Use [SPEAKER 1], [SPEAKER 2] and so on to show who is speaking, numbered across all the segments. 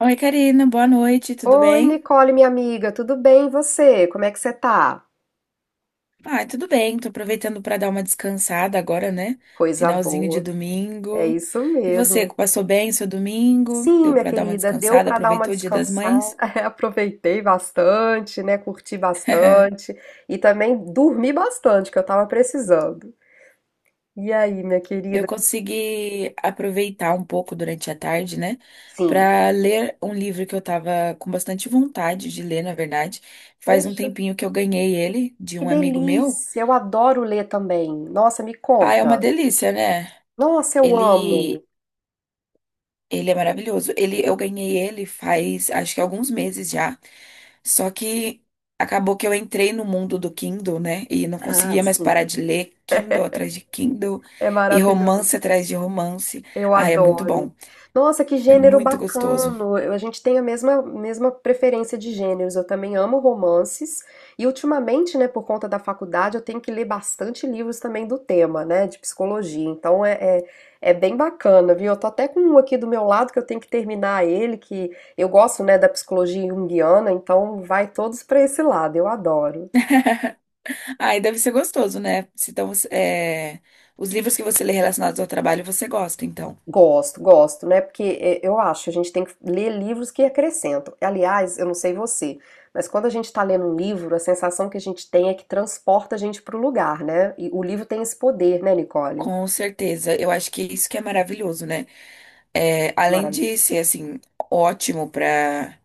[SPEAKER 1] Oi, Karina, boa noite, tudo
[SPEAKER 2] Oi,
[SPEAKER 1] bem?
[SPEAKER 2] Nicole, minha amiga, tudo bem? E você? Como é que você tá?
[SPEAKER 1] Ah, tudo bem, tô aproveitando para dar uma descansada agora, né?
[SPEAKER 2] Coisa
[SPEAKER 1] Finalzinho de
[SPEAKER 2] boa, é
[SPEAKER 1] domingo.
[SPEAKER 2] isso
[SPEAKER 1] E você,
[SPEAKER 2] mesmo.
[SPEAKER 1] passou bem o seu domingo?
[SPEAKER 2] Sim,
[SPEAKER 1] Deu
[SPEAKER 2] minha
[SPEAKER 1] para dar uma
[SPEAKER 2] querida, deu
[SPEAKER 1] descansada?
[SPEAKER 2] para dar uma
[SPEAKER 1] Aproveitou o Dia das
[SPEAKER 2] descansada.
[SPEAKER 1] Mães?
[SPEAKER 2] Aproveitei bastante, né? Curti bastante e também dormi bastante, que eu tava precisando. E aí, minha
[SPEAKER 1] Eu
[SPEAKER 2] querida?
[SPEAKER 1] consegui aproveitar um pouco durante a tarde, né,
[SPEAKER 2] Sim.
[SPEAKER 1] para ler um livro que eu tava com bastante vontade de ler, na verdade. Faz um
[SPEAKER 2] Poxa,
[SPEAKER 1] tempinho que eu ganhei ele de
[SPEAKER 2] que
[SPEAKER 1] um amigo meu.
[SPEAKER 2] delícia! Eu adoro ler também. Nossa, me
[SPEAKER 1] Ah, é uma
[SPEAKER 2] conta.
[SPEAKER 1] delícia, né?
[SPEAKER 2] Nossa, eu amo.
[SPEAKER 1] Ele Ele é maravilhoso. Ele, eu ganhei ele faz, acho que alguns meses já. Só que acabou que eu entrei no mundo do Kindle, né? E não
[SPEAKER 2] Ah,
[SPEAKER 1] conseguia mais
[SPEAKER 2] sim.
[SPEAKER 1] parar de ler Kindle atrás de Kindle
[SPEAKER 2] É
[SPEAKER 1] e romance
[SPEAKER 2] maravilhoso.
[SPEAKER 1] atrás de romance.
[SPEAKER 2] Eu
[SPEAKER 1] Ai, é muito bom.
[SPEAKER 2] adoro. Nossa, que
[SPEAKER 1] É
[SPEAKER 2] gênero
[SPEAKER 1] muito gostoso.
[SPEAKER 2] bacano. A gente tem a mesma preferência de gêneros. Eu também amo romances. E ultimamente, né, por conta da faculdade, eu tenho que ler bastante livros também do tema, né, de psicologia. Então é, é bem bacana, viu? Eu tô até com um aqui do meu lado que eu tenho que terminar ele, que eu gosto, né, da psicologia junguiana, então vai todos para esse lado. Eu adoro.
[SPEAKER 1] Ai, deve ser gostoso, né? Se Então, os livros que você lê relacionados ao trabalho, você gosta, então.
[SPEAKER 2] Gosto, gosto, né? Eu acho, a gente tem que ler livros que acrescentam. Aliás, eu não sei você, mas quando a gente está lendo um livro, a sensação que a gente tem é que transporta a gente para o lugar, né? E o livro tem esse poder, né, Nicole?
[SPEAKER 1] Com certeza, eu acho que isso que é maravilhoso, né? É,
[SPEAKER 2] É
[SPEAKER 1] além de
[SPEAKER 2] maravilhoso.
[SPEAKER 1] ser assim ótimo para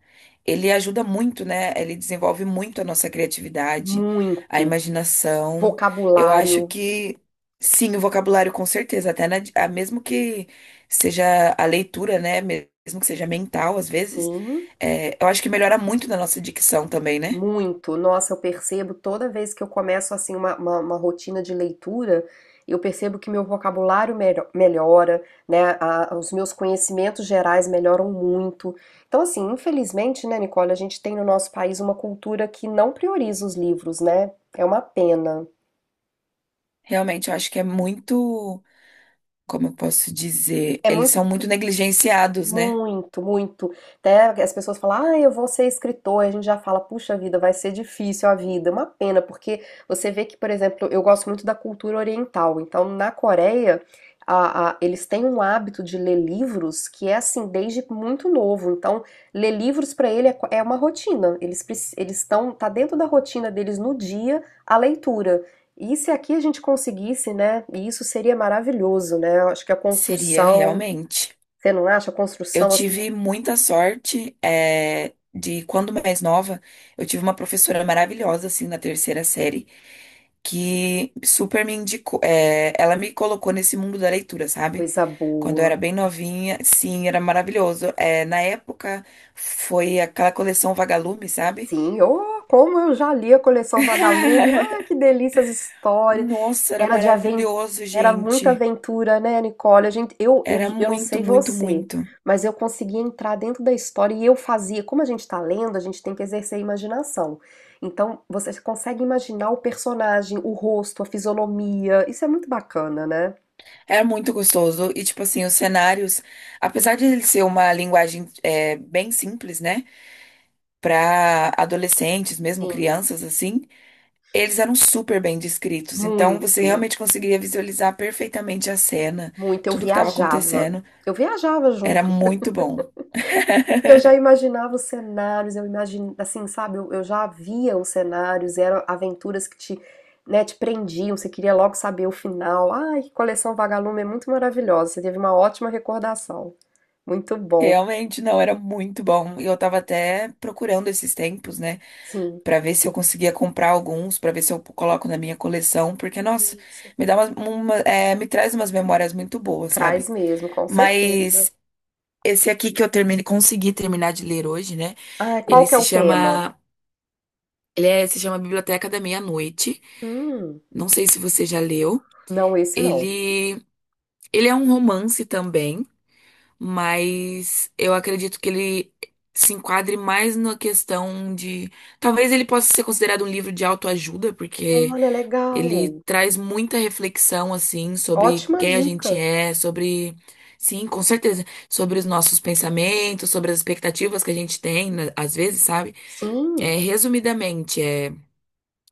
[SPEAKER 1] ele ajuda muito, né? Ele desenvolve muito a nossa criatividade, a
[SPEAKER 2] Muito.
[SPEAKER 1] imaginação. Eu acho
[SPEAKER 2] Vocabulário,
[SPEAKER 1] que sim, o vocabulário com certeza, até mesmo que seja a leitura, né? Mesmo que seja mental, às vezes,
[SPEAKER 2] sim.
[SPEAKER 1] eu acho que melhora muito na nossa dicção também, né?
[SPEAKER 2] Muito, nossa, eu percebo toda vez que eu começo assim uma rotina de leitura, eu percebo que meu vocabulário melhora, né? Os meus conhecimentos gerais melhoram muito. Então, assim, infelizmente, né, Nicole, a gente tem no nosso país uma cultura que não prioriza os livros, né? É uma pena.
[SPEAKER 1] Realmente, eu acho que é muito, como eu posso dizer,
[SPEAKER 2] É
[SPEAKER 1] eles
[SPEAKER 2] muito.
[SPEAKER 1] são muito negligenciados, né?
[SPEAKER 2] Muito, muito. Até as pessoas falam, ah, eu vou ser escritor. E a gente já fala, puxa vida, vai ser difícil a vida. Uma pena, porque você vê que, por exemplo, eu gosto muito da cultura oriental. Então, na Coreia, eles têm um hábito de ler livros que é assim, desde muito novo. Então, ler livros para ele é, é uma rotina. Eles estão, tá dentro da rotina deles no dia a leitura. E se aqui a gente conseguisse, né? Isso seria maravilhoso, né? Eu acho que a
[SPEAKER 1] Seria
[SPEAKER 2] construção.
[SPEAKER 1] realmente.
[SPEAKER 2] Você não acha? A
[SPEAKER 1] Eu
[SPEAKER 2] construção, assim,
[SPEAKER 1] tive muita sorte, de quando mais nova, eu tive uma professora maravilhosa, assim, na terceira série, que super me indicou, ela me colocou nesse mundo da leitura, sabe?
[SPEAKER 2] coisa
[SPEAKER 1] Quando eu era
[SPEAKER 2] boa.
[SPEAKER 1] bem novinha, sim, era maravilhoso. É, na época, foi aquela coleção Vagalume, sabe?
[SPEAKER 2] Sim, oh, como eu já li a coleção Vagalume. Ah, que delícia as histórias.
[SPEAKER 1] Nossa, era
[SPEAKER 2] Era de aventura,
[SPEAKER 1] maravilhoso,
[SPEAKER 2] era muita
[SPEAKER 1] gente.
[SPEAKER 2] aventura, né, Nicole? A gente,
[SPEAKER 1] Era
[SPEAKER 2] eu não
[SPEAKER 1] muito,
[SPEAKER 2] sei
[SPEAKER 1] muito,
[SPEAKER 2] você,
[SPEAKER 1] muito.
[SPEAKER 2] mas eu conseguia entrar dentro da história e eu fazia. Como a gente está lendo, a gente tem que exercer a imaginação. Então, você consegue imaginar o personagem, o rosto, a fisionomia. Isso é muito bacana, né?
[SPEAKER 1] Era muito gostoso. E, tipo assim, os cenários, apesar de ele ser uma linguagem bem simples, né? Pra adolescentes, mesmo
[SPEAKER 2] Sim,
[SPEAKER 1] crianças, assim, eles eram super bem descritos. Então, você
[SPEAKER 2] muito,
[SPEAKER 1] realmente conseguiria visualizar perfeitamente a cena,
[SPEAKER 2] muito. Eu
[SPEAKER 1] tudo que estava
[SPEAKER 2] viajava.
[SPEAKER 1] acontecendo.
[SPEAKER 2] Eu viajava
[SPEAKER 1] Era
[SPEAKER 2] junto.
[SPEAKER 1] muito bom.
[SPEAKER 2] Eu já imaginava os cenários, eu imagin assim, sabe, eu já via os cenários, eram aventuras que te, né, te prendiam, você queria logo saber o final. Ai, que coleção Vagalume é muito maravilhosa, você teve uma ótima recordação. Muito bom.
[SPEAKER 1] Realmente, não, era muito bom. E eu tava até procurando esses tempos, né?
[SPEAKER 2] Sim,
[SPEAKER 1] Pra ver se eu conseguia comprar alguns, pra ver se eu coloco na minha coleção. Porque, nossa,
[SPEAKER 2] isso.
[SPEAKER 1] me dá me traz umas memórias muito boas,
[SPEAKER 2] Traz
[SPEAKER 1] sabe?
[SPEAKER 2] mesmo, com certeza.
[SPEAKER 1] Mas esse aqui que eu terminei, consegui terminar de ler hoje, né?
[SPEAKER 2] Ah,
[SPEAKER 1] Ele
[SPEAKER 2] qual que é
[SPEAKER 1] se
[SPEAKER 2] o tema?
[SPEAKER 1] chama, se chama Biblioteca da Meia-Noite.
[SPEAKER 2] Hum,
[SPEAKER 1] Não sei se você já leu.
[SPEAKER 2] não, esse não.
[SPEAKER 1] Ele, ele é um romance também, mas eu acredito que ele se enquadre mais na questão de, talvez ele possa ser considerado um livro de autoajuda, porque
[SPEAKER 2] Olha,
[SPEAKER 1] ele
[SPEAKER 2] legal.
[SPEAKER 1] traz muita reflexão, assim, sobre
[SPEAKER 2] Ótima
[SPEAKER 1] quem a gente
[SPEAKER 2] dica.
[SPEAKER 1] é, sobre. Sim, com certeza. Sobre os nossos pensamentos, sobre as expectativas que a gente tem, né, às vezes, sabe?
[SPEAKER 2] Sim.
[SPEAKER 1] Resumidamente,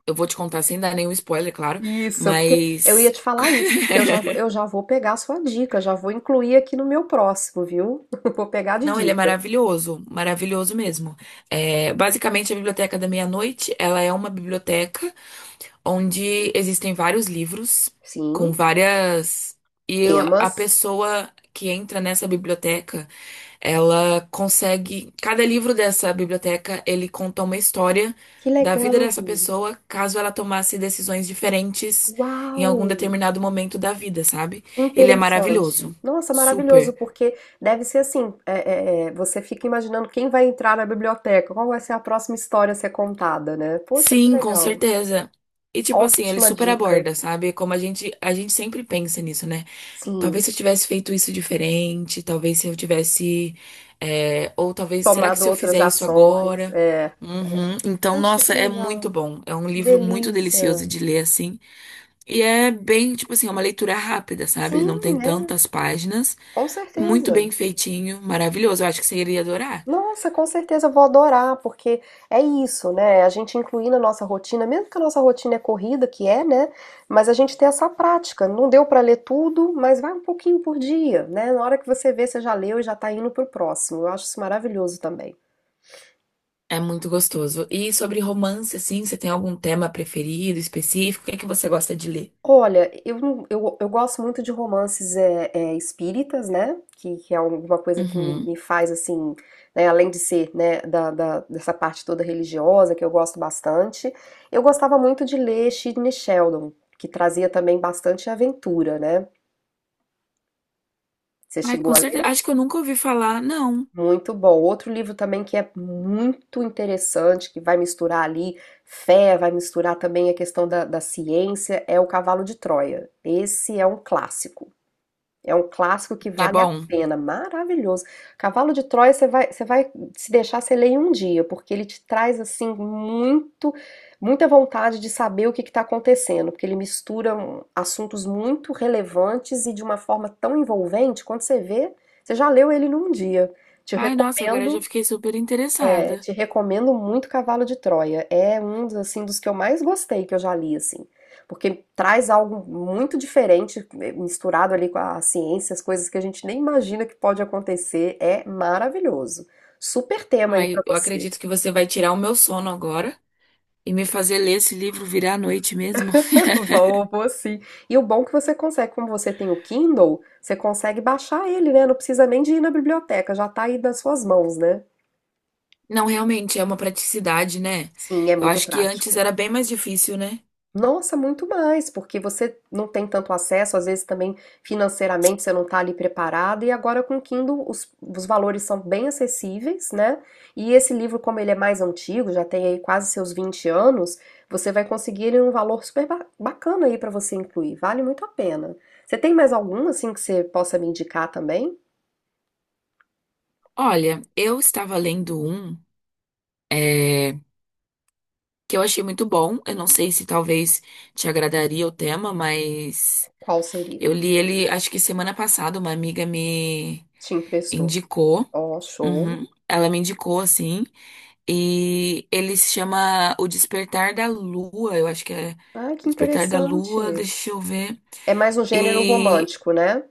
[SPEAKER 1] eu vou te contar sem dar nenhum spoiler, claro,
[SPEAKER 2] Isso, porque eu
[SPEAKER 1] mas.
[SPEAKER 2] ia te falar isso, porque eu já vou pegar a sua dica, já vou incluir aqui no meu próximo, viu? Vou pegar de
[SPEAKER 1] Não, ele é
[SPEAKER 2] dica.
[SPEAKER 1] maravilhoso, maravilhoso mesmo. É, basicamente, a Biblioteca da Meia-Noite, ela é uma biblioteca onde existem vários livros com
[SPEAKER 2] Sim,
[SPEAKER 1] várias. A
[SPEAKER 2] temas.
[SPEAKER 1] pessoa que entra nessa biblioteca. Ela consegue, cada livro dessa biblioteca, ele conta uma história
[SPEAKER 2] Que
[SPEAKER 1] da
[SPEAKER 2] legal!
[SPEAKER 1] vida dessa pessoa, caso ela tomasse decisões diferentes em
[SPEAKER 2] Uau!
[SPEAKER 1] algum determinado momento da vida, sabe?
[SPEAKER 2] Que
[SPEAKER 1] Ele é
[SPEAKER 2] interessante!
[SPEAKER 1] maravilhoso.
[SPEAKER 2] Nossa, maravilhoso,
[SPEAKER 1] Super.
[SPEAKER 2] porque deve ser assim: você fica imaginando quem vai entrar na biblioteca, qual vai ser a próxima história a ser contada, né? Poxa, que
[SPEAKER 1] Sim, com
[SPEAKER 2] legal!
[SPEAKER 1] certeza. E tipo assim, ele
[SPEAKER 2] Ótima
[SPEAKER 1] super
[SPEAKER 2] dica.
[SPEAKER 1] aborda, sabe? Como a gente sempre pensa nisso, né?
[SPEAKER 2] Sim,
[SPEAKER 1] Talvez se eu tivesse feito isso diferente, talvez se eu tivesse. Ou talvez, será que
[SPEAKER 2] tomado
[SPEAKER 1] se eu
[SPEAKER 2] outras
[SPEAKER 1] fizer isso
[SPEAKER 2] ações.
[SPEAKER 1] agora?
[SPEAKER 2] É.
[SPEAKER 1] Uhum. Então,
[SPEAKER 2] Poxa,
[SPEAKER 1] nossa,
[SPEAKER 2] que
[SPEAKER 1] é muito
[SPEAKER 2] legal!
[SPEAKER 1] bom. É um
[SPEAKER 2] Que
[SPEAKER 1] livro muito
[SPEAKER 2] delícia.
[SPEAKER 1] delicioso de ler, assim. E é bem, tipo assim, é uma leitura rápida, sabe? Ele
[SPEAKER 2] Sim,
[SPEAKER 1] não tem
[SPEAKER 2] né?
[SPEAKER 1] tantas páginas.
[SPEAKER 2] Com
[SPEAKER 1] Muito
[SPEAKER 2] certeza.
[SPEAKER 1] bem feitinho, maravilhoso. Eu acho que você iria adorar.
[SPEAKER 2] Nossa, com certeza eu vou adorar, porque é isso, né? A gente incluir na nossa rotina, mesmo que a nossa rotina é corrida, que é, né? Mas a gente tem essa prática. Não deu para ler tudo, mas vai um pouquinho por dia, né? Na hora que você vê, você já leu e já tá indo pro próximo. Eu acho isso maravilhoso também.
[SPEAKER 1] É muito gostoso. E sobre romance, assim, você tem algum tema preferido, específico? O que é que você gosta de ler?
[SPEAKER 2] Olha, eu, não- eu gosto muito de romances é, espíritas, né? Que é alguma coisa que
[SPEAKER 1] Uhum.
[SPEAKER 2] me faz assim, né? Além de ser, né, dessa parte toda religiosa, que eu gosto bastante. Eu gostava muito de ler Sidney Sheldon, que trazia também bastante aventura, né? Você
[SPEAKER 1] Ai,
[SPEAKER 2] chegou
[SPEAKER 1] com
[SPEAKER 2] a ler?
[SPEAKER 1] certeza. Acho que eu nunca ouvi falar, não.
[SPEAKER 2] Muito bom. Outro livro também que é muito interessante, que vai misturar ali fé, vai misturar também a questão da, da ciência, é O Cavalo de Troia. Esse é um clássico. É um clássico que
[SPEAKER 1] É
[SPEAKER 2] vale a
[SPEAKER 1] bom.
[SPEAKER 2] pena, maravilhoso. Cavalo de Troia você vai se deixar você lê em um dia, porque ele te traz assim muito muita vontade de saber o que está acontecendo, porque ele mistura assuntos muito relevantes e de uma forma tão envolvente, quando você vê, você já leu ele num dia. Te
[SPEAKER 1] Ai, nossa, agora eu já
[SPEAKER 2] recomendo
[SPEAKER 1] fiquei super interessada.
[SPEAKER 2] te recomendo muito Cavalo de Troia. É um dos, assim, dos que eu mais gostei que eu já li, assim. Porque traz algo muito diferente, misturado ali com a ciência, as coisas que a gente nem imagina que pode acontecer. É maravilhoso. Super tema aí pra
[SPEAKER 1] Ai, eu
[SPEAKER 2] você.
[SPEAKER 1] acredito que você vai tirar o meu sono agora e me fazer ler esse livro virar a noite mesmo.
[SPEAKER 2] Vou, vou sim. E o bom é que você consegue, como você tem o Kindle, você consegue baixar ele, né? Não precisa nem de ir na biblioteca, já tá aí nas suas mãos, né?
[SPEAKER 1] Não, realmente é uma praticidade, né?
[SPEAKER 2] Sim, é
[SPEAKER 1] Eu
[SPEAKER 2] muito
[SPEAKER 1] acho que antes
[SPEAKER 2] prático.
[SPEAKER 1] era bem mais difícil, né?
[SPEAKER 2] Nossa, muito mais, porque você não tem tanto acesso, às vezes também financeiramente você não está ali preparado, e agora com o Kindle os valores são bem acessíveis, né? E esse livro, como ele é mais antigo, já tem aí quase seus 20 anos, você vai conseguir ele num valor super bacana aí para você incluir, vale muito a pena. Você tem mais algum assim que você possa me indicar também?
[SPEAKER 1] Olha, eu estava lendo um, é, que eu achei muito bom. Eu não sei se talvez te agradaria o tema, mas
[SPEAKER 2] Qual seria?
[SPEAKER 1] eu li ele, acho que semana passada, uma amiga me
[SPEAKER 2] Te emprestou?
[SPEAKER 1] indicou.
[SPEAKER 2] Ó, show.
[SPEAKER 1] Uhum. Ela me indicou, assim. E ele se chama O Despertar da Lua, eu acho que é
[SPEAKER 2] Ah,
[SPEAKER 1] O
[SPEAKER 2] que
[SPEAKER 1] Despertar da Lua,
[SPEAKER 2] interessante.
[SPEAKER 1] deixa eu ver.
[SPEAKER 2] É mais um gênero
[SPEAKER 1] E
[SPEAKER 2] romântico, né?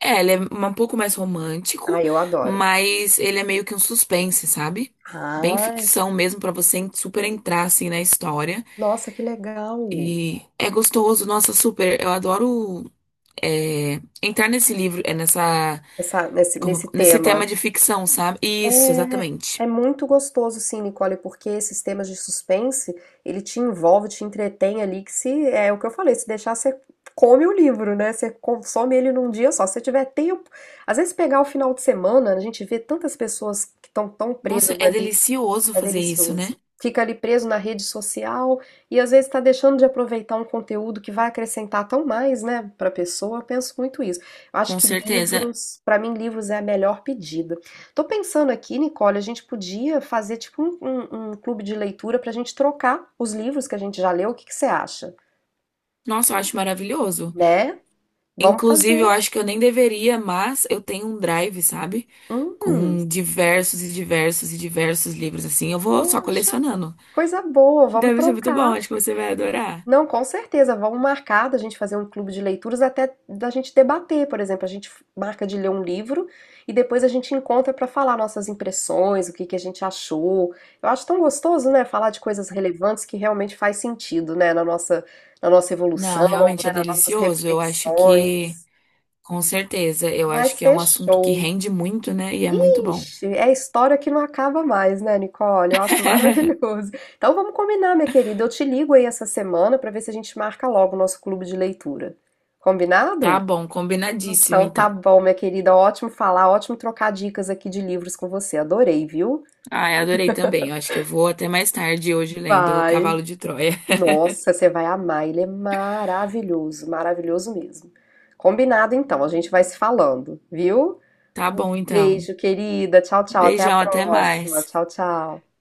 [SPEAKER 1] é, ele é um pouco mais
[SPEAKER 2] Ah,
[SPEAKER 1] romântico,
[SPEAKER 2] eu adoro.
[SPEAKER 1] mas ele é meio que um suspense, sabe? Bem
[SPEAKER 2] Ai,
[SPEAKER 1] ficção mesmo pra você super entrar assim na história.
[SPEAKER 2] nossa, que legal.
[SPEAKER 1] E é gostoso, nossa, super. Eu adoro entrar nesse livro,
[SPEAKER 2] Essa, nesse, nesse
[SPEAKER 1] nesse
[SPEAKER 2] tema.
[SPEAKER 1] tema de ficção, sabe? Isso,
[SPEAKER 2] É, É
[SPEAKER 1] exatamente.
[SPEAKER 2] muito gostoso, sim, Nicole, porque esses temas de suspense, ele te envolve, te entretém ali, que se, é o que eu falei, se deixar, você come o livro, né? Você consome ele num dia só, se você tiver tempo. Às vezes pegar o final de semana, a gente vê tantas pessoas que estão tão
[SPEAKER 1] Nossa,
[SPEAKER 2] presas
[SPEAKER 1] é
[SPEAKER 2] ali.
[SPEAKER 1] delicioso
[SPEAKER 2] É
[SPEAKER 1] fazer isso, né?
[SPEAKER 2] delicioso. Fica ali preso na rede social e às vezes está deixando de aproveitar um conteúdo que vai acrescentar tão mais, né, para a pessoa. Eu penso muito isso. Eu acho
[SPEAKER 1] Com
[SPEAKER 2] que
[SPEAKER 1] certeza.
[SPEAKER 2] livros, para mim, livros é a melhor pedida. Tô pensando aqui, Nicole, a gente podia fazer tipo um clube de leitura para a gente trocar os livros que a gente já leu. O que que você acha?
[SPEAKER 1] Nossa, eu acho maravilhoso.
[SPEAKER 2] Né? Vamos
[SPEAKER 1] Inclusive, eu
[SPEAKER 2] fazer.
[SPEAKER 1] acho que eu nem deveria, mas eu tenho um drive, sabe?
[SPEAKER 2] Hum,
[SPEAKER 1] Com diversos e diversos e diversos livros, assim. Eu vou só
[SPEAKER 2] poxa,
[SPEAKER 1] colecionando.
[SPEAKER 2] coisa boa. Vamos
[SPEAKER 1] Deve ser muito bom,
[SPEAKER 2] trocar.
[SPEAKER 1] acho que você vai adorar.
[SPEAKER 2] Não, com certeza. Vamos marcar da gente fazer um clube de leituras, até da gente debater, por exemplo, a gente marca de ler um livro e depois a gente encontra para falar nossas impressões, o que que a gente achou. Eu acho tão gostoso, né, falar de coisas relevantes que realmente faz sentido, né, na nossa
[SPEAKER 1] Não,
[SPEAKER 2] evolução,
[SPEAKER 1] realmente é
[SPEAKER 2] né, nas nossas
[SPEAKER 1] delicioso. Eu acho que,
[SPEAKER 2] reflexões.
[SPEAKER 1] com certeza, eu
[SPEAKER 2] Vai
[SPEAKER 1] acho que é
[SPEAKER 2] ser
[SPEAKER 1] um assunto que
[SPEAKER 2] show.
[SPEAKER 1] rende muito, né? E é muito bom.
[SPEAKER 2] Ixi, é história que não acaba mais, né, Nicole? Eu acho maravilhoso. Então vamos combinar, minha querida. Eu te ligo aí essa semana para ver se a gente marca logo o nosso clube de leitura. Combinado?
[SPEAKER 1] Tá bom, combinadíssimo,
[SPEAKER 2] Então tá
[SPEAKER 1] então.
[SPEAKER 2] bom, minha querida. Ótimo falar, ótimo trocar dicas aqui de livros com você. Adorei, viu?
[SPEAKER 1] Ah, eu adorei também. Eu acho que eu vou até mais tarde hoje lendo O
[SPEAKER 2] Vai.
[SPEAKER 1] Cavalo de Troia.
[SPEAKER 2] Nossa, você vai amar. Ele é maravilhoso, maravilhoso mesmo. Combinado então, a gente vai se falando, viu?
[SPEAKER 1] Tá bom, então.
[SPEAKER 2] Beijo, querida. Tchau, tchau. Até a
[SPEAKER 1] Beijão, até
[SPEAKER 2] próxima.
[SPEAKER 1] mais.
[SPEAKER 2] Tchau, tchau.